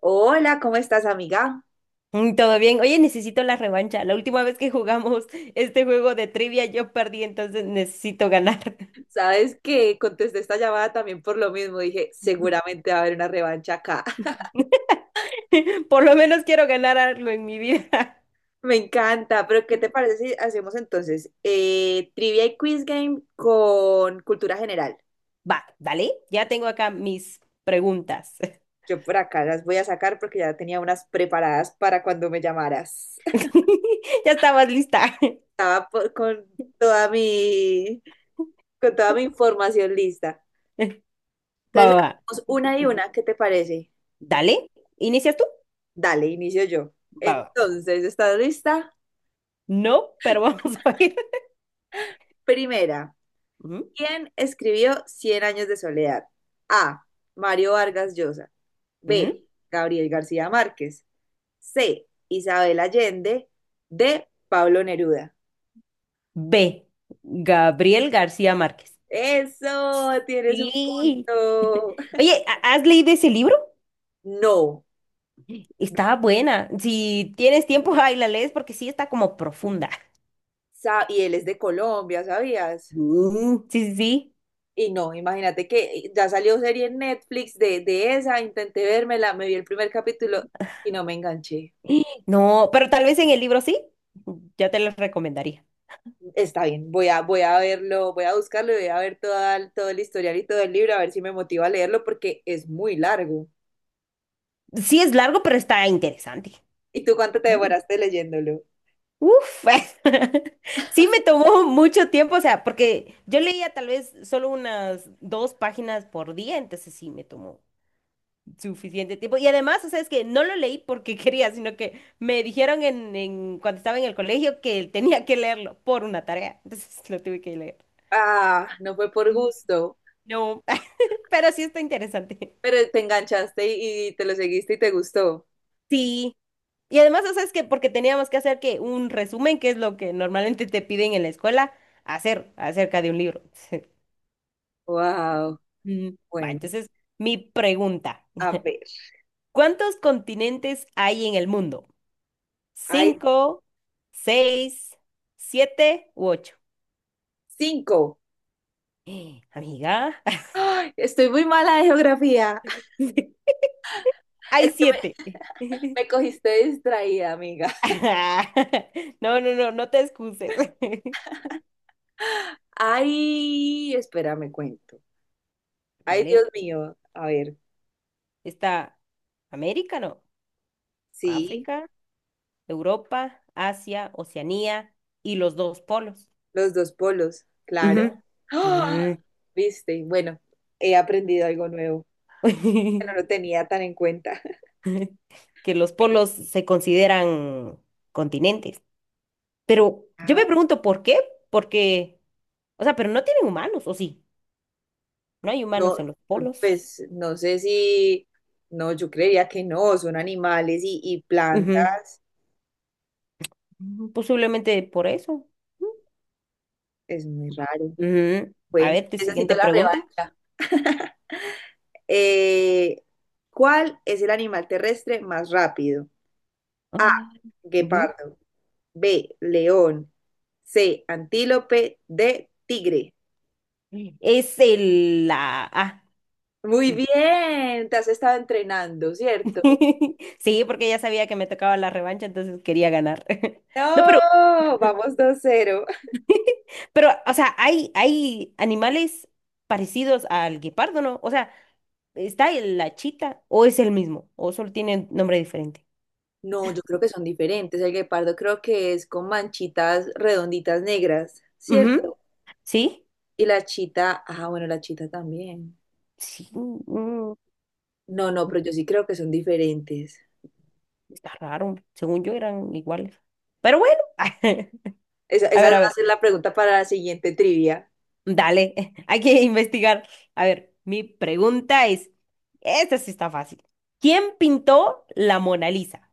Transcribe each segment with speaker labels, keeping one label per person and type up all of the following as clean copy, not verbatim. Speaker 1: Hola, ¿cómo estás, amiga?
Speaker 2: Todo bien. Oye, necesito la revancha. La última vez que jugamos este juego de trivia yo perdí, entonces necesito ganar.
Speaker 1: Sabes que contesté esta llamada también por lo mismo. Dije, seguramente va a haber una revancha acá.
Speaker 2: Por lo menos quiero ganar algo en mi vida.
Speaker 1: Me encanta, pero ¿qué te parece si hacemos entonces trivia y quiz game con cultura general?
Speaker 2: Va, dale. Ya tengo acá mis preguntas.
Speaker 1: Yo por acá las voy a sacar porque ya tenía unas preparadas para cuando me llamaras.
Speaker 2: Ya estabas lista.
Speaker 1: Estaba por- con toda mi, Con toda mi información lista.
Speaker 2: Va, va,
Speaker 1: Entonces,
Speaker 2: va.
Speaker 1: hacemos una y una, ¿qué te parece?
Speaker 2: Dale. ¿Inicias tú?
Speaker 1: Dale, inicio yo.
Speaker 2: Va, va.
Speaker 1: Entonces, ¿estás lista?
Speaker 2: No, pero vamos a ir.
Speaker 1: Primera.
Speaker 2: Ujú,
Speaker 1: ¿Quién escribió Cien años de soledad? A. Mario Vargas Llosa. B.
Speaker 2: ujú.
Speaker 1: Gabriel García Márquez. C. Isabel Allende. D. Pablo Neruda.
Speaker 2: B. Gabriel García Márquez.
Speaker 1: Eso, tienes un
Speaker 2: Sí.
Speaker 1: punto.
Speaker 2: Oye, ¿has leído ese libro?
Speaker 1: No.
Speaker 2: Está buena. Si tienes tiempo, ay la lees porque sí está como profunda.
Speaker 1: Y él es de Colombia, ¿sabías?
Speaker 2: Sí, sí, sí.
Speaker 1: Y no, imagínate que ya salió serie en Netflix de esa, intenté vérmela, me vi el primer capítulo y no me enganché.
Speaker 2: No, pero tal vez en el libro sí. Ya te lo recomendaría.
Speaker 1: Está bien, voy a verlo, voy a buscarlo y voy a ver todo el historial y todo el libro, a ver si me motiva a leerlo porque es muy largo.
Speaker 2: Sí es largo, pero está interesante.
Speaker 1: ¿Y tú cuánto te
Speaker 2: Mm.
Speaker 1: demoraste leyéndolo?
Speaker 2: Uf, sí me tomó mucho tiempo, o sea, porque yo leía tal vez solo unas dos páginas por día, entonces sí me tomó suficiente tiempo. Y además, o sea, es que no lo leí porque quería, sino que me dijeron cuando estaba en el colegio que tenía que leerlo por una tarea. Entonces lo tuve que leer.
Speaker 1: Ah, no fue por
Speaker 2: Mm.
Speaker 1: gusto,
Speaker 2: No, pero sí está interesante.
Speaker 1: pero te enganchaste y te lo seguiste y te gustó.
Speaker 2: Sí. Y además, o sea, es que porque teníamos que hacer que un resumen, que es lo que normalmente te piden en la escuela, hacer acerca de un libro.
Speaker 1: Wow,
Speaker 2: Mm, Va,
Speaker 1: bueno,
Speaker 2: entonces, mi pregunta,
Speaker 1: a ver,
Speaker 2: ¿cuántos continentes hay en el mundo?
Speaker 1: hay
Speaker 2: ¿Cinco, seis, siete u ocho?
Speaker 1: 5.
Speaker 2: Amiga,
Speaker 1: Ay, estoy muy mala de geografía.
Speaker 2: hay
Speaker 1: Es que me,
Speaker 2: siete.
Speaker 1: Me cogiste distraída, amiga.
Speaker 2: No, no, no, no te excuses.
Speaker 1: Ay, espérame, cuento. Ay,
Speaker 2: Dale,
Speaker 1: Dios mío, a ver,
Speaker 2: está América, no,
Speaker 1: sí.
Speaker 2: África, Europa, Asia, Oceanía y los dos polos.
Speaker 1: Los dos polos, claro.
Speaker 2: Ujú.
Speaker 1: ¡Ah!
Speaker 2: Mm.
Speaker 1: ¿Viste? Bueno, he aprendido algo nuevo que no lo tenía tan en cuenta.
Speaker 2: Que los polos se consideran continentes. Pero yo
Speaker 1: Ah,
Speaker 2: me pregunto por qué, porque, o sea, pero no tienen humanos, ¿o sí? No hay
Speaker 1: no,
Speaker 2: humanos en los polos.
Speaker 1: pues no sé si, no, yo creería que no, son animales y plantas,
Speaker 2: Ujú, posiblemente por eso. Ujú,
Speaker 1: es muy
Speaker 2: va.
Speaker 1: raro.
Speaker 2: Ujú. A
Speaker 1: Bueno,
Speaker 2: ver, tu
Speaker 1: necesito
Speaker 2: siguiente
Speaker 1: la
Speaker 2: pregunta.
Speaker 1: revancha. Eh, ¿Cuál es el animal terrestre más rápido? A,
Speaker 2: Ah. Ujú.
Speaker 1: guepardo, B, león, C, antílope, D, tigre.
Speaker 2: Es el la ah.
Speaker 1: Muy bien, te has estado entrenando, ¿cierto?
Speaker 2: Sí, porque ya sabía que me tocaba la revancha, entonces quería ganar. No, pero,
Speaker 1: No, vamos 2-0.
Speaker 2: pero, o sea, hay animales parecidos al guepardo, ¿no? O sea, ¿está la chita o es el mismo? ¿O solo tiene nombre diferente?
Speaker 1: No, yo creo que son diferentes. El guepardo creo que es con manchitas redonditas negras,
Speaker 2: Ujú.
Speaker 1: ¿cierto?
Speaker 2: ¿Sí?
Speaker 1: Y la chita, ah, bueno, la chita también.
Speaker 2: Sí, mm,
Speaker 1: No, no, pero yo sí creo que son diferentes.
Speaker 2: está raro. Según yo eran iguales. Pero bueno.
Speaker 1: Esa, esa va
Speaker 2: A
Speaker 1: a
Speaker 2: ver,
Speaker 1: ser la pregunta para la siguiente trivia.
Speaker 2: dale, hay que investigar. A ver, mi pregunta es, esta sí está fácil. ¿Quién pintó la Mona Lisa?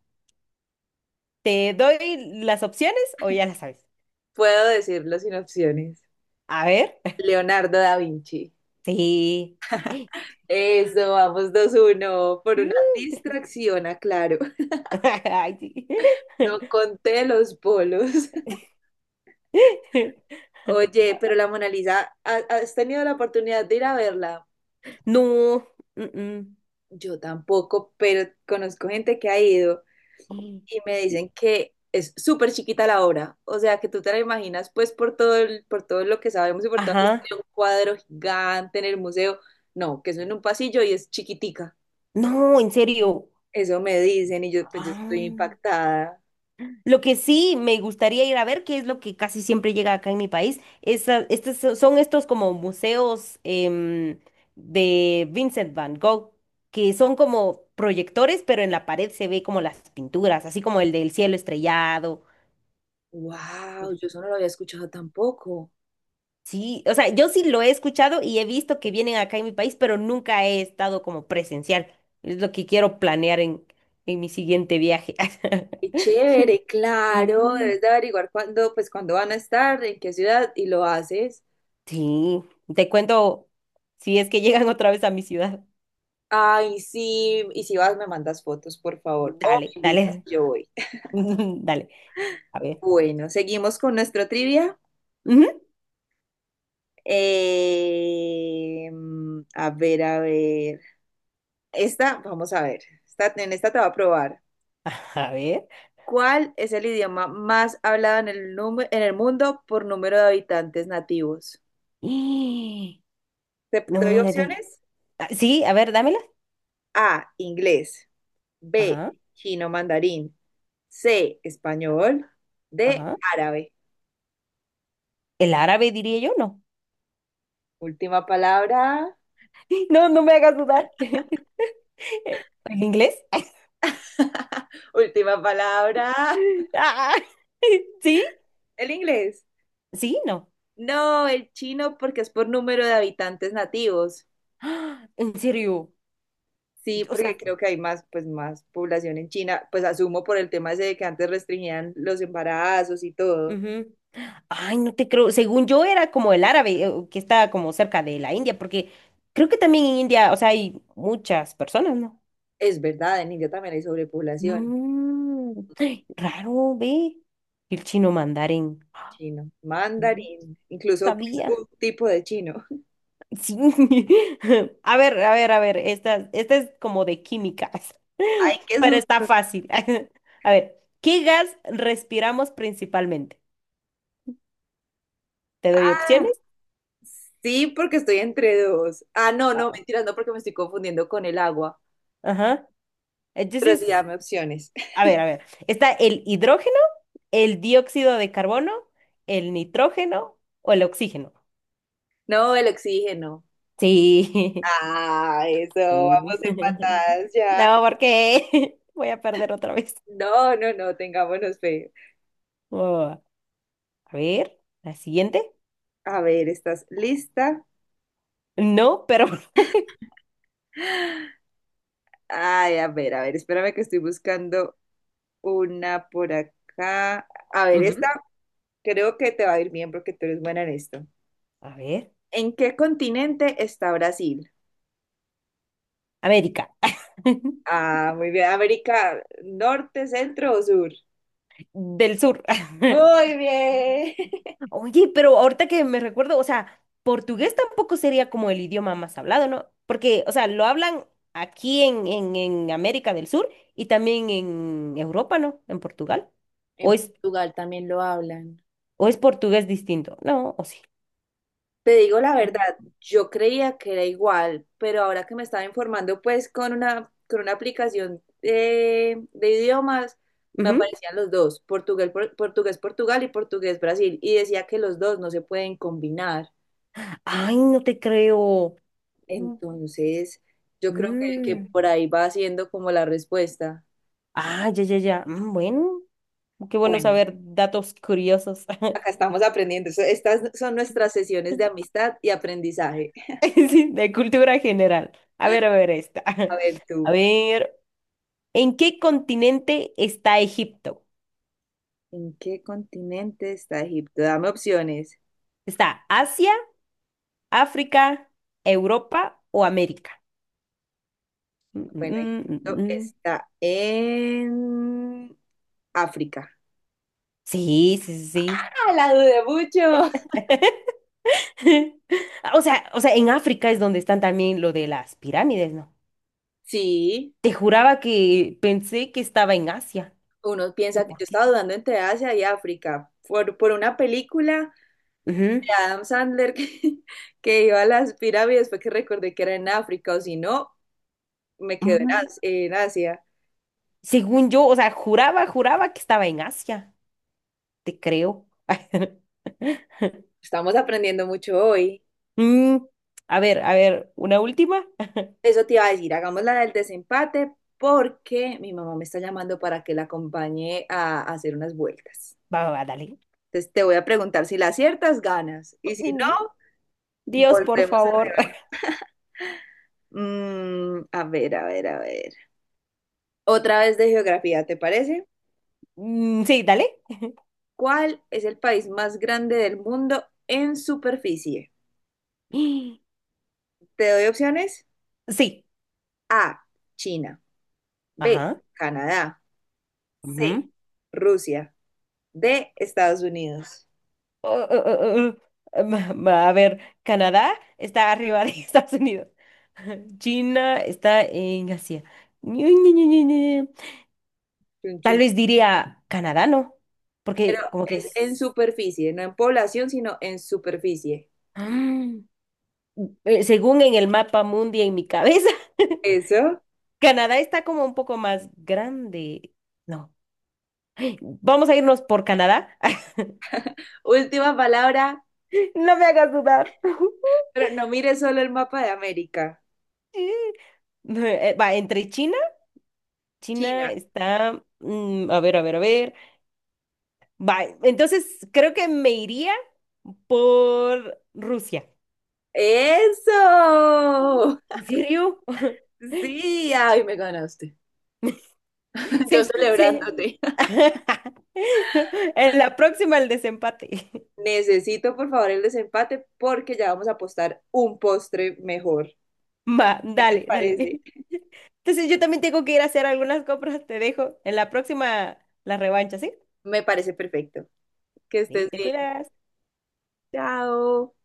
Speaker 2: ¿Te doy las opciones o ya las sabes?
Speaker 1: Puedo decirlo sin opciones.
Speaker 2: A ver,
Speaker 1: Leonardo da Vinci.
Speaker 2: sí.
Speaker 1: Eso, vamos 2-1, por una
Speaker 2: Uh,
Speaker 1: distracción, aclaro.
Speaker 2: ay, sí.
Speaker 1: No conté los bolos. Oye, pero la Mona Lisa, ¿has tenido la oportunidad de ir a verla?
Speaker 2: No. mm,
Speaker 1: Yo tampoco, pero conozco gente que ha ido
Speaker 2: mm.
Speaker 1: y me dicen que es súper chiquita la obra. O sea, que tú te la imaginas, pues, por por todo lo que sabemos y por toda la
Speaker 2: Ajá.
Speaker 1: historia, un cuadro gigante en el museo. No, que eso en un pasillo y es chiquitica.
Speaker 2: No, en serio.
Speaker 1: Eso me dicen y yo, pues, yo
Speaker 2: Ah.
Speaker 1: estoy impactada.
Speaker 2: Lo que sí me gustaría ir a ver, que es lo que casi siempre llega acá en mi país, es, son estos como museos de Vincent Van Gogh, que son como proyectores, pero en la pared se ve como las pinturas, así como el del cielo estrellado.
Speaker 1: Wow, yo eso no lo había escuchado tampoco.
Speaker 2: Sí, o sea, yo sí lo he escuchado y he visto que vienen acá en mi país, pero nunca he estado como presencial. Es lo que quiero planear en mi siguiente viaje.
Speaker 1: Qué chévere, claro,
Speaker 2: Mm.
Speaker 1: debes de averiguar cuándo, pues cuándo van a estar, en qué ciudad y lo haces.
Speaker 2: Sí, te cuento si es que llegan otra vez a mi ciudad.
Speaker 1: Ay, sí, y si vas me mandas fotos, por favor, o me
Speaker 2: Dale,
Speaker 1: invitas,
Speaker 2: dale,
Speaker 1: yo voy.
Speaker 2: dale. A ver.
Speaker 1: Bueno, seguimos con nuestro trivia.
Speaker 2: Ujú,
Speaker 1: Eh, a ver, a ver. Esta, vamos a ver. Esta, en esta te va a probar.
Speaker 2: a ver.
Speaker 1: ¿Cuál es el idioma más hablado en en el mundo por número de habitantes nativos?
Speaker 2: Y-
Speaker 1: ¿Te
Speaker 2: No,
Speaker 1: doy
Speaker 2: no, no.
Speaker 1: opciones?
Speaker 2: Sí, a ver, dámela.
Speaker 1: A, inglés. B,
Speaker 2: Ajá,
Speaker 1: chino mandarín. C, español. D,
Speaker 2: ajá.
Speaker 1: árabe.
Speaker 2: El árabe diría yo, no.
Speaker 1: Última palabra.
Speaker 2: No, no me hagas dudar. ¿El inglés?
Speaker 1: Última palabra.
Speaker 2: Ah, ¿sí?
Speaker 1: El inglés.
Speaker 2: Sí, no.
Speaker 1: No, el chino porque es por número de habitantes nativos.
Speaker 2: Ah, ¿en serio?
Speaker 1: Sí,
Speaker 2: O
Speaker 1: porque
Speaker 2: sea,
Speaker 1: creo que hay más, pues más población en China, pues asumo por el tema ese de que antes restringían los embarazos y todo.
Speaker 2: ujú. Ay, no te creo. Según yo era como el árabe, que está como cerca de la India, porque creo que también en India, o sea, hay muchas personas, ¿no?
Speaker 1: Es verdad, en India también hay sobrepoblación.
Speaker 2: Mm, ay, raro, ve. El chino mandarín.
Speaker 1: Chino,
Speaker 2: No
Speaker 1: mandarín, incluso pues
Speaker 2: sabía.
Speaker 1: un tipo de chino.
Speaker 2: Sí. A ver, a ver, a ver. Esta es como de químicas,
Speaker 1: Ay, qué
Speaker 2: pero está
Speaker 1: susto.
Speaker 2: fácil. A ver, ¿qué gas respiramos principalmente? ¿Te doy opciones?
Speaker 1: Sí, porque estoy entre dos. Ah, no, no,
Speaker 2: Ah,
Speaker 1: mentiras, no, porque me estoy confundiendo con el agua.
Speaker 2: ajá.
Speaker 1: Pero sí,
Speaker 2: Entonces,
Speaker 1: dame opciones.
Speaker 2: a ver, a ver. Está el hidrógeno, el dióxido de carbono, el nitrógeno o el oxígeno.
Speaker 1: No, el oxígeno.
Speaker 2: Sí.
Speaker 1: Ah, eso,
Speaker 2: Mm.
Speaker 1: vamos empatadas ya.
Speaker 2: No, porque voy a perder otra vez.
Speaker 1: No, no, no, tengámonos fe.
Speaker 2: Oh, a ver, la siguiente.
Speaker 1: A ver, ¿estás lista?
Speaker 2: No, pero...
Speaker 1: Ay, a ver, espérame que estoy buscando una por acá. A ver,
Speaker 2: Ujú.
Speaker 1: esta creo que te va a ir bien porque tú eres buena en esto.
Speaker 2: A ver,
Speaker 1: ¿En qué continente está Brasil?
Speaker 2: América
Speaker 1: Ah, muy bien. ¿América Norte, Centro o Sur?
Speaker 2: del Sur.
Speaker 1: Muy bien.
Speaker 2: Oye, pero ahorita que me recuerdo, o sea, portugués tampoco sería como el idioma más hablado, ¿no? Porque, o sea, lo hablan aquí en América del Sur y también en Europa, ¿no? En Portugal. ¿O
Speaker 1: En
Speaker 2: es,
Speaker 1: Portugal también lo hablan.
Speaker 2: o es portugués distinto? No, o sí.
Speaker 1: Te digo la verdad, yo creía que era igual, pero ahora que me estaba informando, pues con con una aplicación idiomas, me
Speaker 2: Ujú.
Speaker 1: aparecían los dos, portugués Portugal y portugués Brasil, y decía que los dos no se pueden combinar.
Speaker 2: Ay, no te creo. Mm.
Speaker 1: Entonces, yo creo que
Speaker 2: Mm.
Speaker 1: por ahí va siendo como la respuesta.
Speaker 2: Ah, ya, ya, ya. Mm, bueno, qué bueno
Speaker 1: Bueno,
Speaker 2: saber datos curiosos.
Speaker 1: acá estamos aprendiendo. Estas son nuestras sesiones de amistad y aprendizaje.
Speaker 2: Sí, de cultura general. A ver, esta.
Speaker 1: A ver
Speaker 2: A
Speaker 1: tú.
Speaker 2: ver. ¿En qué continente está Egipto?
Speaker 1: ¿En qué continente está Egipto? Dame opciones.
Speaker 2: ¿Está Asia, África, Europa o América? Mm,
Speaker 1: Bueno,
Speaker 2: mm, mm,
Speaker 1: Egipto
Speaker 2: mm.
Speaker 1: está en África.
Speaker 2: Sí, sí, sí.
Speaker 1: ¡Ah, la dudé mucho!
Speaker 2: Sí. O sea, en África es donde están también lo de las pirámides, ¿no?
Speaker 1: Sí,
Speaker 2: Te juraba que pensé que estaba en Asia.
Speaker 1: uno
Speaker 2: No sé
Speaker 1: piensa que yo
Speaker 2: por
Speaker 1: estaba
Speaker 2: qué.
Speaker 1: dudando entre Asia y África por una película de
Speaker 2: Ujú.
Speaker 1: Adam Sandler que, que iba a las pirámides, fue que recordé que era en África, o si no, me quedo en,
Speaker 2: Ah,
Speaker 1: En Asia.
Speaker 2: según yo, o sea, juraba, juraba que estaba en Asia. Te creo.
Speaker 1: Estamos aprendiendo mucho hoy.
Speaker 2: Mm, a ver, una última.
Speaker 1: Eso te iba a decir, hagamos la del desempate porque mi mamá me está llamando para que la acompañe a hacer unas vueltas.
Speaker 2: Va, va, va, dale.
Speaker 1: Entonces te voy a preguntar si la aciertas, ganas. Y si no,
Speaker 2: Dios, por
Speaker 1: volvemos a
Speaker 2: favor.
Speaker 1: rebaño. Mm, a ver, a ver, a ver. Otra vez de geografía, ¿te parece?
Speaker 2: Sí, dale.
Speaker 1: ¿Cuál es el país más grande del mundo en superficie? Te doy opciones.
Speaker 2: Sí.
Speaker 1: A, China. B,
Speaker 2: Ajá.
Speaker 1: Canadá. C,
Speaker 2: Ujú.
Speaker 1: Rusia. D, Estados Unidos.
Speaker 2: Uh, uh, uh, uh, um, a ver, Canadá está arriba de Estados Unidos. China está en Asia. Ñu, Ñu, Ñu, Ñu, Ñu. Tal vez diría Canadá, ¿no?
Speaker 1: Pero
Speaker 2: Porque como que
Speaker 1: es en
Speaker 2: es...
Speaker 1: superficie, no en población, sino en superficie.
Speaker 2: Mm. Según en el mapa mundi en mi cabeza,
Speaker 1: Eso.
Speaker 2: Canadá está como un poco más grande. No. Vamos a irnos por Canadá.
Speaker 1: Última palabra,
Speaker 2: No me hagas dudar.
Speaker 1: pero no mire solo el mapa de América.
Speaker 2: Mm. Va, entre China, China
Speaker 1: China.
Speaker 2: está, mm, a ver, a ver, a ver. Va, entonces creo que me iría por Rusia.
Speaker 1: Eso.
Speaker 2: ¿En serio?
Speaker 1: Sí, ay, me ganaste. Yo
Speaker 2: Se, se-
Speaker 1: celebrándote.
Speaker 2: En la próxima el desempate.
Speaker 1: Necesito, por favor, el desempate porque ya vamos a apostar un postre mejor.
Speaker 2: Va,
Speaker 1: ¿Qué te
Speaker 2: dale, dale.
Speaker 1: parece?
Speaker 2: Entonces yo también tengo que ir a hacer algunas compras, te dejo. En la próxima la revancha, ¿sí?
Speaker 1: Me parece perfecto. Que
Speaker 2: Sí,
Speaker 1: estés
Speaker 2: te
Speaker 1: bien.
Speaker 2: cuidas.
Speaker 1: Chao.